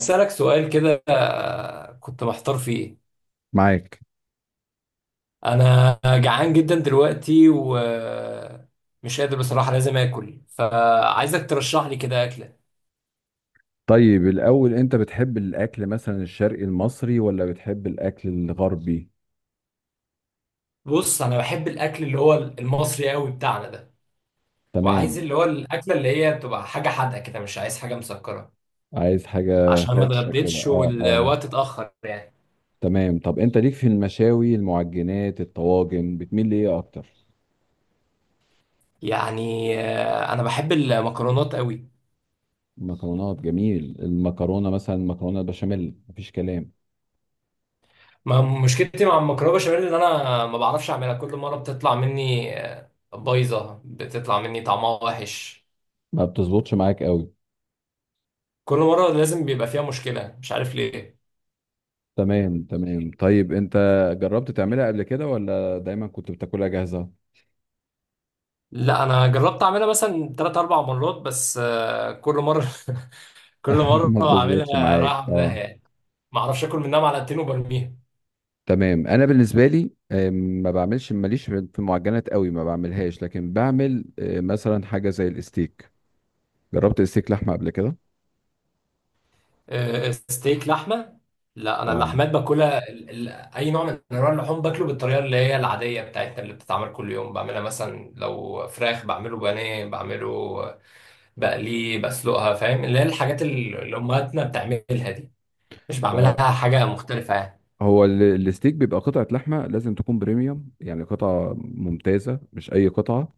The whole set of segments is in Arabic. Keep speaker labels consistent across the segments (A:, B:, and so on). A: أسألك سؤال كده كنت محتار فيه.
B: معاك.
A: أنا جعان جدا دلوقتي ومش قادر بصراحة، لازم آكل فعايزك ترشح لي كده أكلة.
B: طيب، الأول أنت بتحب الأكل مثلا الشرقي المصري ولا بتحب الأكل الغربي؟
A: بص، أنا بحب الأكل اللي هو المصري قوي بتاعنا ده. وعايز
B: تمام.
A: اللي هو الأكلة اللي هي بتبقى حاجة حادقة كده، مش عايز حاجة مسكرة.
B: عايز حاجة
A: عشان ما
B: فرشة كده،
A: اتغديتش
B: اه اه.
A: والوقت اتأخر يعني.
B: تمام، طب أنت ليك في المشاوي المعجنات الطواجن بتميل لإيه أكتر؟
A: أنا بحب المكرونات قوي.
B: مكرونات، جميل. المكرونة مثلا مكرونة بشاميل مفيش كلام.
A: ما مشكلتي مع المكرونه بشاميل ان انا ما بعرفش اعملها. كل مره بتطلع مني بايظه، بتطلع مني طعمها وحش.
B: ما بتظبطش معاك قوي.
A: كل مره لازم بيبقى فيها مشكله، مش عارف ليه.
B: تمام تمام، طيب أنت جربت تعملها قبل كده ولا دايما كنت بتاكلها جاهزة؟
A: لا، انا جربت اعملها مثلا 3 4 مرات بس، كل مره كل مره
B: ما بتظبطش
A: اعملها
B: معاك،
A: رايحه في داهيه
B: اه.
A: يعني. ما اعرفش اكل منها معلقتين وبرميها.
B: تمام. انا بالنسبه لي ما بعملش، ماليش في المعجنات قوي، ما بعملهاش، لكن بعمل مثلا حاجه زي الستيك. جربت الستيك لحمه قبل كده؟
A: ستيك لحمه. لا، انا
B: اه.
A: اللحمات باكلها اي نوع من انواع اللحوم باكله بالطريقه اللي هي العاديه بتاعتنا اللي بتتعمل كل يوم. بعملها مثلا لو فراخ، بعمله بانيه، بعمله بقليه، بسلقها. فاهم اللي هي الحاجات اللي امهاتنا بتعملها دي. مش
B: هو
A: بعملها حاجه مختلفه يعني.
B: هو الستيك بيبقى قطعه لحمه لازم تكون بريميوم، يعني قطعه ممتازه مش اي قطعه.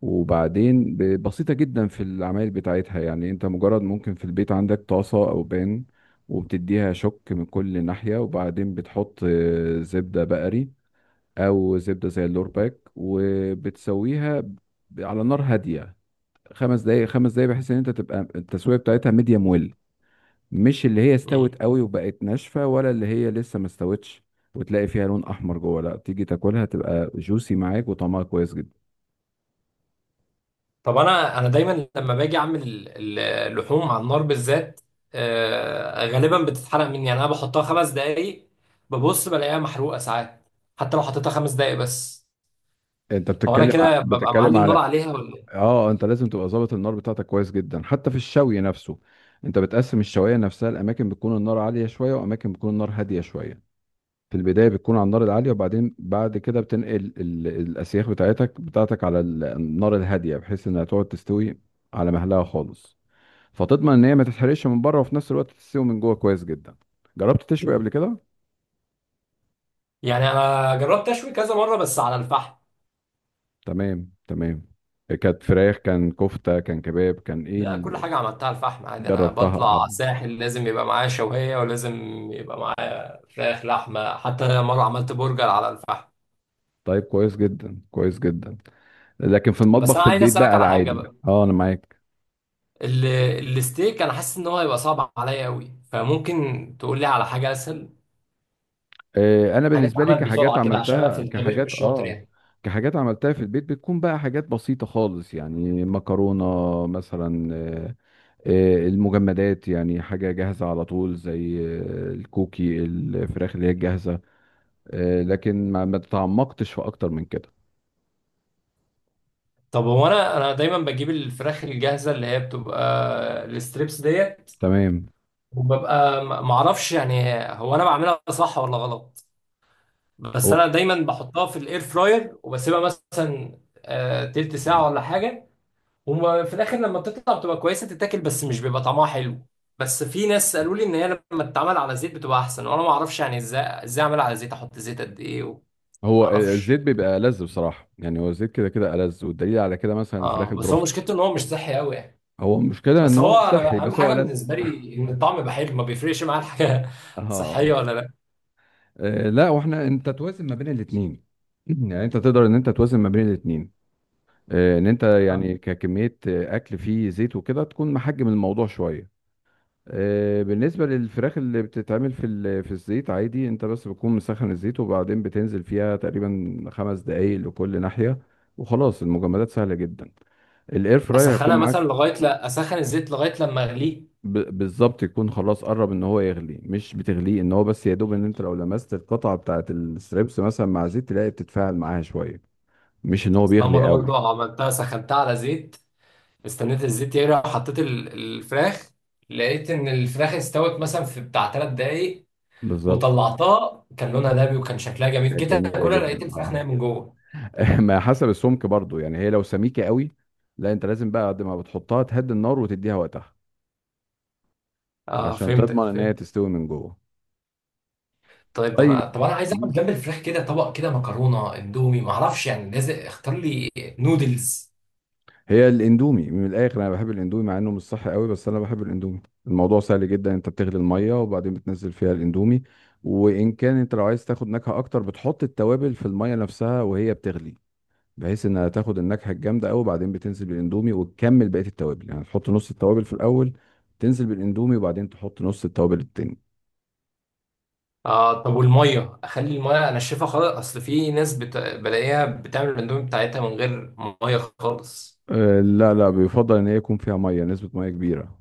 B: وبعدين بسيطه جدا في العمايل بتاعتها، يعني انت مجرد ممكن في البيت عندك طاسه او بان، وبتديها شك من كل ناحيه، وبعدين بتحط زبده بقري او زبده زي اللورباك، وبتسويها على نار هاديه، خمس دقايق، خمس دقايق، بحيث ان انت تبقى التسويه بتاعتها ميديم ويل، مش اللي هي استوت
A: مم.
B: قوي وبقت ناشفه ولا اللي هي لسه ما استوتش، وتلاقي فيها لون احمر جوه. لا تيجي تاكلها تبقى جوسي معاك وطعمها كويس جدا.
A: طب انا دايما لما باجي اعمل اللحوم على النار بالذات، غالبا بتتحرق مني يعني. انا بحطها خمس دقايق ببص بلاقيها محروقه ساعات، حتى لو حطيتها خمس دقايق بس.
B: انت
A: هو انا كده ببقى
B: بتتكلم
A: معلي النار
B: على،
A: عليها ولا إيه؟
B: اه، انت لازم تبقى ظابط النار بتاعتك كويس جدا حتى في الشوي نفسه. انت بتقسم الشوايه نفسها، الاماكن بتكون النار عاليه شويه واماكن بتكون النار هاديه شويه. في البدايه بتكون على النار العاليه، وبعدين بعد كده بتنقل الاسياخ بتاعتك على النار الهاديه، بحيث انها تقعد تستوي على مهلها خالص، فتضمن ان هي ما تتحرقش من بره وفي نفس الوقت تستوي من جوه كويس جدا. جربت تشوي قبل كده؟
A: يعني انا جربت اشوي كذا مره بس على الفحم.
B: تمام تمام. كانت فراخ كان كفته كان كباب كان ايه
A: لا، كل
B: اللي
A: حاجه عملتها على الفحم عادي. انا
B: جربتها؟ آه.
A: بطلع ساحل لازم يبقى معايا شويه، ولازم يبقى معايا فراخ لحمه. حتى مره عملت برجر على الفحم.
B: طيب كويس جدا كويس جدا، لكن في
A: بس
B: المطبخ
A: انا
B: في
A: عايز
B: البيت
A: اسالك
B: بقى
A: على حاجه
B: العادي،
A: بقى.
B: اه، انا معاك.
A: ال- الستيك انا حاسس ان هو هيبقى صعب عليا قوي، فممكن تقول لي على حاجه اسهل،
B: انا
A: حاجه
B: بالنسبه لي
A: تتعمل بسرعه كده عشان انا في الطبيخ مش شاطر يعني.
B: كحاجات عملتها في البيت بتكون بقى حاجات بسيطه خالص، يعني مكرونه مثلا، المجمدات، يعني حاجه جاهزه على طول، زي الكوكي، الفراخ اللي هي الجاهزه. لكن ما تعمقتش في اكتر من كده.
A: طب هو انا دايما بجيب الفراخ الجاهزه اللي هي بتبقى الستريبس ديت،
B: تمام.
A: وببقى معرفش يعني هو انا بعملها صح ولا غلط. بس
B: هو
A: انا دايما بحطها في الاير فراير وبسيبها مثلا تلت ساعه ولا حاجه. وفي الاخر لما بتطلع بتبقى كويسه تتاكل، بس مش بيبقى طعمها حلو. بس في ناس قالوا لي ان هي لما تتعمل على زيت بتبقى احسن، وانا ما اعرفش يعني ازاي اعملها على زيت، احط زيت قد ايه وما
B: هو
A: اعرفش.
B: الزيت بيبقى ألذ بصراحة، يعني هو الزيت كده كده ألذ، والدليل على كده مثلا الفراخ
A: اه، بس هو
B: البروست.
A: مشكلته ان هو مش صحي قوي يعني.
B: هو المشكلة إن
A: بس
B: هو
A: هو
B: مش صحي،
A: انا اهم
B: بس هو
A: حاجه
B: ألذ
A: بالنسبه لي ان الطعم يبقى حلو، ما بيفرقش معايا الحاجه صحيه
B: اه.
A: ولا لا.
B: لا، واحنا انت توازن ما بين الاثنين يعني انت تقدر ان انت توازن ما بين الاثنين، ان انت يعني ككميه اكل فيه زيت وكده، تكون محجم الموضوع شويه. بالنسبه للفراخ اللي بتتعمل في في الزيت عادي، انت بس بتكون مسخن الزيت وبعدين بتنزل فيها تقريبا خمس دقايق لكل ناحيه. وخلاص، المجمدات سهله جدا، الاير فراير
A: اسخنها
B: هيكون
A: مثلا
B: معاك.
A: لغايه، لا، اسخن الزيت لغايه لما اغليه.
B: بالظبط، يكون خلاص قرب ان هو يغلي، مش بتغليه ان هو، بس يا دوب ان انت لو لمست القطعه بتاعه الستريبس مثلا مع زيت تلاقي بتتفاعل معاها شويه، مش ان هو
A: أصل أنا
B: بيغلي
A: مره برضو
B: قوي.
A: عملتها، سخنتها على زيت، استنيت الزيت يغلي وحطيت الفراخ، لقيت ان الفراخ استوت مثلا في بتاع ثلاث دقايق
B: بالظبط.
A: وطلعتها. كان لونها دهبي وكان شكلها جميل،
B: كانت
A: جيت
B: جميله
A: اكلها لقيت
B: جدا،
A: الفراخ
B: اه
A: نايم من جوه.
B: ما حسب السمك برضو، يعني هي لو سميكه قوي، لا انت لازم بقى قد ما بتحطها تهدي النار وتديها وقتها
A: اه،
B: عشان
A: فهمتك
B: تضمن ان هي
A: فهمت.
B: تستوي من جوه.
A: طيب. ده
B: طيب،
A: انا طب انا عايز اعمل جنب الفراخ كده طبق كده، مكرونه اندومي، معرفش يعني لازم اختار لي نودلز.
B: هي الاندومي من الاخر، انا بحب الاندومي مع انه مش صح قوي، بس انا بحب الاندومي. الموضوع سهل جدا، انت بتغلي الميه وبعدين بتنزل فيها الاندومي. وان كان انت لو عايز تاخد نكهه اكتر، بتحط التوابل في الميه نفسها وهي بتغلي، بحيث انها تاخد النكهه الجامده قوي، وبعدين بتنزل بالاندومي وتكمل بقيه التوابل، يعني تحط نص التوابل في الاول، تنزل بالاندومي وبعدين تحط نص التوابل التاني.
A: اه، طب والميه اخلي الميه انشفها خالص، اصل في ناس بلاقيها بتعمل الاندومي بتاعتها من غير ميه خالص.
B: أه، لا لا، بيفضل ان هي يكون فيها ميه، نسبه ميه كبيره،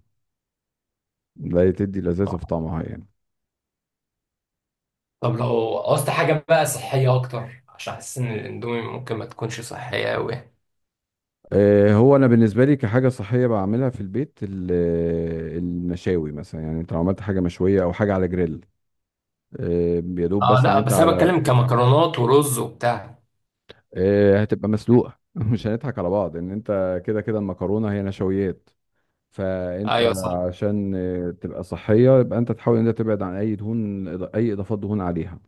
B: لا تدي لذاذه في طعمها يعني.
A: طب لو قصت حاجه بقى صحيه اكتر، عشان احس ان الاندومي ممكن ما تكونش صحيه قوي.
B: هو انا بالنسبه لي كحاجه صحيه بعملها في البيت، المشاوي مثلا، يعني انت لو عملت حاجه مشويه او حاجه على جريل، يا دوب
A: اه،
B: بس ان
A: لا
B: انت
A: بس انا
B: على،
A: بتكلم كمكرونات ورز وبتاع.
B: هتبقى مسلوقه مش هنضحك على بعض، ان انت كده كده المكرونه هي نشويات، فانت
A: ايوه صح.
B: عشان تبقى صحيه يبقى انت تحاول ان انت تبعد عن اي دهون، اي اضافات دهون عليها.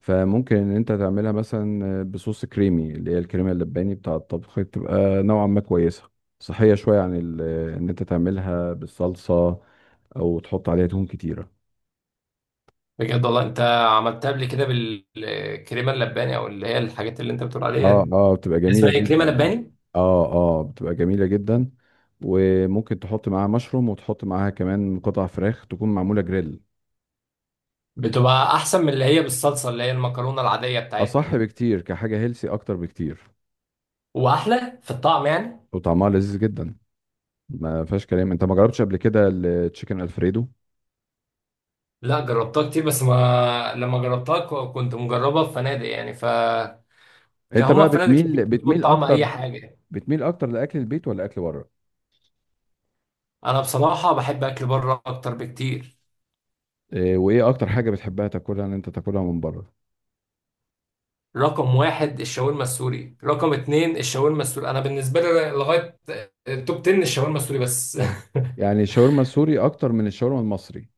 B: فممكن ان انت تعملها مثلا بصوص كريمي، اللي هي الكريمه اللباني بتاع الطبخ، تبقى نوعا ما كويسه، صحيه شويه عن ان انت تعملها بالصلصه او تحط عليها دهون كتيره.
A: بجد والله، انت عملتها قبل كده بالكريمه اللباني او اللي هي الحاجات اللي انت بتقول عليها
B: اه
A: دي؟
B: اه، بتبقى جميله
A: اسمها ايه؟ كريمه
B: جدا.
A: لباني؟
B: اه اه، بتبقى جميله جدا، وممكن تحط معاها مشروم وتحط معاها كمان قطع فراخ تكون معموله جريل،
A: بتبقى احسن من اللي هي بالصلصه اللي هي المكرونه العاديه بتاعتنا
B: اصح
A: دي؟
B: بكتير كحاجه هيلسي اكتر بكتير.
A: واحلى في الطعم يعني؟
B: وطعمها لذيذ جدا، ما فيهاش كلام. انت ما جربتش قبل كده التشيكن الفريدو؟
A: لا، جربتها كتير بس ما لما جربتها كنت مجربها في فنادق يعني،
B: انت
A: كهما
B: بقى
A: في فنادق كتير
B: بتميل
A: بتظبط
B: بتميل
A: طعم اي
B: اكتر،
A: حاجه.
B: بتميل اكتر لاكل البيت ولا اكل بره؟
A: انا بصراحه بحب اكل بره اكتر بكتير.
B: إيه وايه اكتر حاجه بتحبها تاكلها ان انت تاكلها من بره؟
A: رقم واحد الشاورما السوري، رقم اتنين الشاورما السوري، انا بالنسبه لي لغايه التوب 10 الشاورما السوري بس
B: يعني الشاورما السوري اكتر من الشاورما المصري؟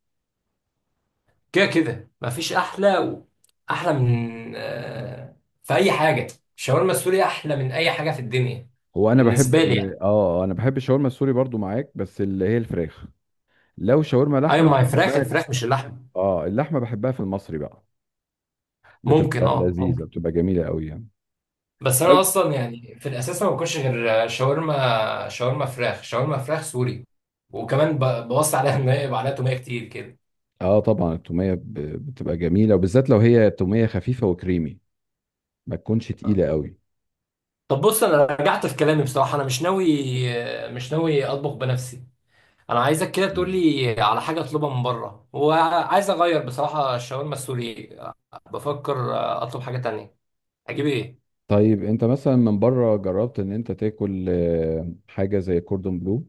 A: كده كده مفيش احلى احلى من في اي حاجه. الشاورما السوري احلى من اي حاجه في الدنيا،
B: هو انا بحب
A: بالنسبه لي يعني.
B: ال... اه آه، انا بحب الشاورما السوري برضو معاك، بس اللي هي الفراخ. لو شاورما
A: ايوه،
B: لحمه
A: ما هي فراخ
B: بحبها،
A: الفراخ مش اللحم.
B: اه، اللحمه بحبها في المصري بقى،
A: ممكن
B: بتبقى
A: اه.
B: لذيذه، بتبقى جميله قوي يعني.
A: بس انا
B: طيب.
A: اصلا يعني في الاساس ما باكلش غير شاورما، شاورما فراخ، شاورما فراخ سوري. وكمان بوصي عليها ان هي يبقى عليها توميه كتير كده.
B: اه طبعا، التوميه بتبقى جميله، وبالذات لو هي توميه خفيفه وكريمي، ما تكونش تقيله قوي.
A: طب بص، انا رجعت في كلامي بصراحه. انا مش ناوي اطبخ بنفسي. انا عايزك كده تقول
B: تمام.
A: لي على حاجه اطلبها من بره، وعايز اغير بصراحه الشاورما السوري. بفكر اطلب حاجه تانية، اجيب ايه؟
B: طيب، انت مثلا من بره جربت ان انت تاكل حاجه زي كوردون بلو؟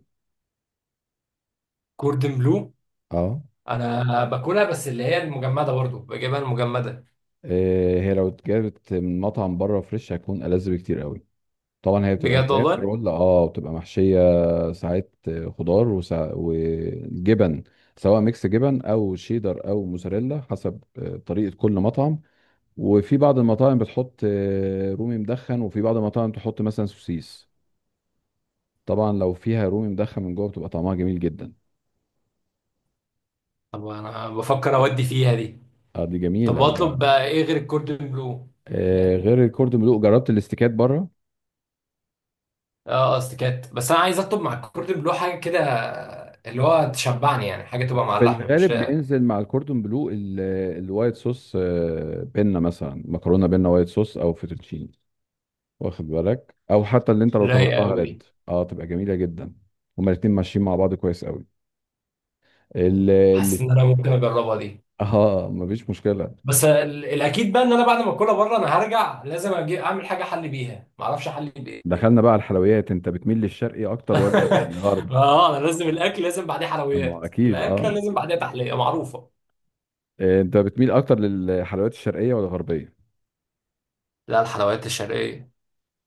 A: كوردن بلو؟
B: اه.
A: انا باكلها بس اللي هي المجمده، برضو بجيبها المجمده.
B: هي لو اتجابت من مطعم بره فريش هتكون ألذ بكتير قوي، طبعا هي بتبقى
A: بجد
B: فراخ
A: والله؟
B: رول، اه، بتبقى محشية ساعات، خضار وجبن، سواء ميكس جبن او شيدر او موزاريلا حسب طريقة كل مطعم. وفي بعض المطاعم بتحط رومي مدخن، وفي بعض المطاعم تحط مثلا سوسيس. طبعا لو فيها رومي مدخن من جوه بتبقى طعمها جميل جدا.
A: طب انا بفكر اودي فيها دي.
B: اه، دي
A: طب
B: جميلة
A: واطلب
B: وبقى.
A: بقى ايه غير الكوردن بلو؟
B: غير
A: يعني
B: الكوردون بلو، جربت الاستيكات بره؟
A: اه، قصدي كات، بس انا عايز اطلب مع الكوردن بلو حاجه كده اللي هو تشبعني يعني، حاجه تبقى مع
B: في
A: اللحمه مش
B: الغالب
A: لايقه.
B: بينزل مع الكوردون بلو الوايت صوص، بينا مثلا مكرونه بينا وايت صوص او فيتوتشيني، واخد بالك؟ او حتى اللي انت لو
A: لايقه
B: طلبتها
A: قوي
B: ريد،
A: دي،
B: اه، تبقى جميله جدا، هما الاتنين ماشيين مع بعض كويس قوي. ال
A: حاسس
B: ال-
A: ان انا ممكن اجربها دي.
B: اه، مفيش مشكله.
A: بس الاكيد بقى ان انا بعد ما اكلها بره انا هرجع لازم اجي اعمل حاجه احلي بيها، ما اعرفش احلي بايه.
B: دخلنا بقى على الحلويات، انت بتميل للشرقي اكتر ولا للغرب؟
A: اه، انا لازم الاكل لازم بعديه
B: اما
A: حلويات.
B: اكيد،
A: الاكله
B: اه.
A: لازم بعديها تحليه معروفه.
B: انت بتميل اكتر للحلويات الشرقيه ولا الغربيه؟
A: لا، الحلويات الشرقيه.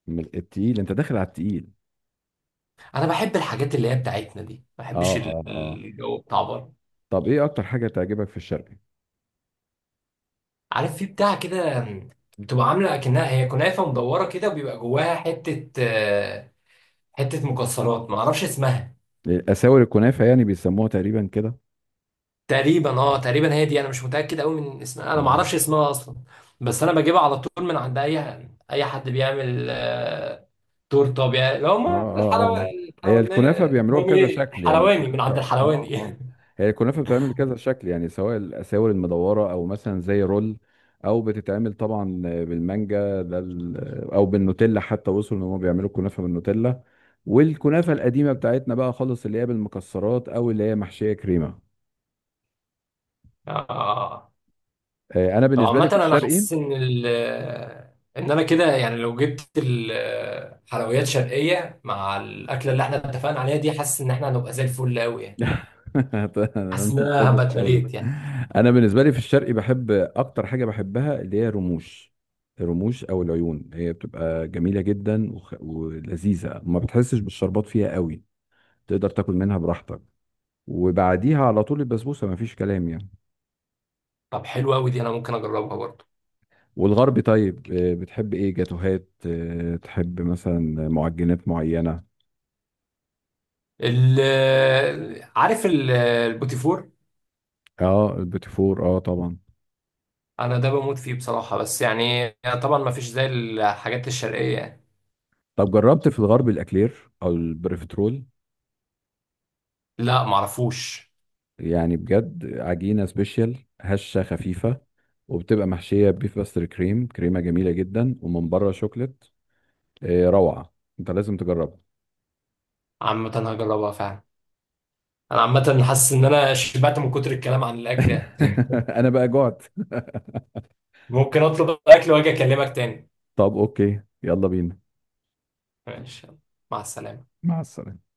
B: من التقيل، انت داخل على التقيل.
A: انا بحب الحاجات اللي هي بتاعتنا دي، ما
B: اه
A: بحبش
B: اه اه.
A: الجو بتاع بره.
B: طب ايه اكتر حاجه تعجبك في الشرقي؟
A: عارف في بتاع كده، بتبقى عامله اكنها هي كنافه مدوره كده، وبيبقى جواها حته حته مكسرات، ما اعرفش اسمها.
B: اساور الكنافه يعني، بيسموها تقريبا كده.
A: تقريبا اه تقريبا، هي دي. انا مش متاكد قوي من اسمها، انا ما
B: اه
A: اعرفش اسمها اصلا. بس انا بجيبها على طول من عند اي حد بيعمل تورته، اللي هم
B: اه اه اه.
A: الحلواني،
B: هي
A: الحلواني.
B: الكنافه بيعملوها
A: المهم
B: بكذا
A: إيه؟
B: شكل، يعني
A: الحلواني من
B: الكنافه.
A: عند
B: اه
A: الحلواني
B: اه، هي الكنافه بتتعمل بكذا شكل، يعني سواء الاساور المدوره او مثلا زي رول، او بتتعمل طبعا بالمانجا ده او بالنوتيلا، حتى وصلوا ان هم بيعملوا الكنافه بالنوتيلا. والكنافه القديمه بتاعتنا بقى خالص اللي هي بالمكسرات او اللي هي محشيه كريمه.
A: اه
B: انا
A: طب،
B: بالنسبه لي
A: عامة
B: في
A: أنا
B: الشرقي.
A: حاسس إن إن أنا كده يعني، لو جبت الحلويات شرقية مع الأكلة اللي إحنا اتفقنا عليها دي، حاسس إن إحنا هنبقى زي الفل أوي يعني. حاسس إن أنا
B: انضبط
A: هبقى
B: قوي.
A: اتمليت يعني.
B: انا بالنسبه لي في الشرقي بحب، اكتر حاجه بحبها اللي هي رموش، الرموش او العيون، هي بتبقى جميله جدا ولذيذه، ما بتحسش بالشربات فيها قوي، تقدر تاكل منها براحتك. وبعديها على طول البسبوسه ما فيش كلام يعني.
A: طب حلو أوي دي، أنا ممكن أجربها برضه.
B: والغربي طيب، بتحب ايه؟ جاتوهات؟ تحب مثلا معجنات معينه؟
A: عارف البوتيفور؟
B: اه، البيتي فور، اه طبعا.
A: أنا ده بموت فيه بصراحة، بس يعني طبعا ما فيش زي الحاجات الشرقية يعني.
B: طب جربت في الغرب الاكلير او البريفترول؟
A: لا، معرفوش.
B: يعني بجد، عجينة سبيشال هشة خفيفة، وبتبقى محشية بيف باستر كريم، كريمة جميلة جدا، ومن بره شوكليت، روعة. انت لازم تجربها.
A: عامة هجربها فعلا. أنا عامة حاسس إن أنا شبعت من كتر الكلام عن الأكل يعني.
B: انا بقى جعت.
A: ممكن اطلب اكل واجي اكلمك تاني.
B: طب اوكي، يلا بينا.
A: ماشي، يلا، مع السلامة.
B: مع السلامة.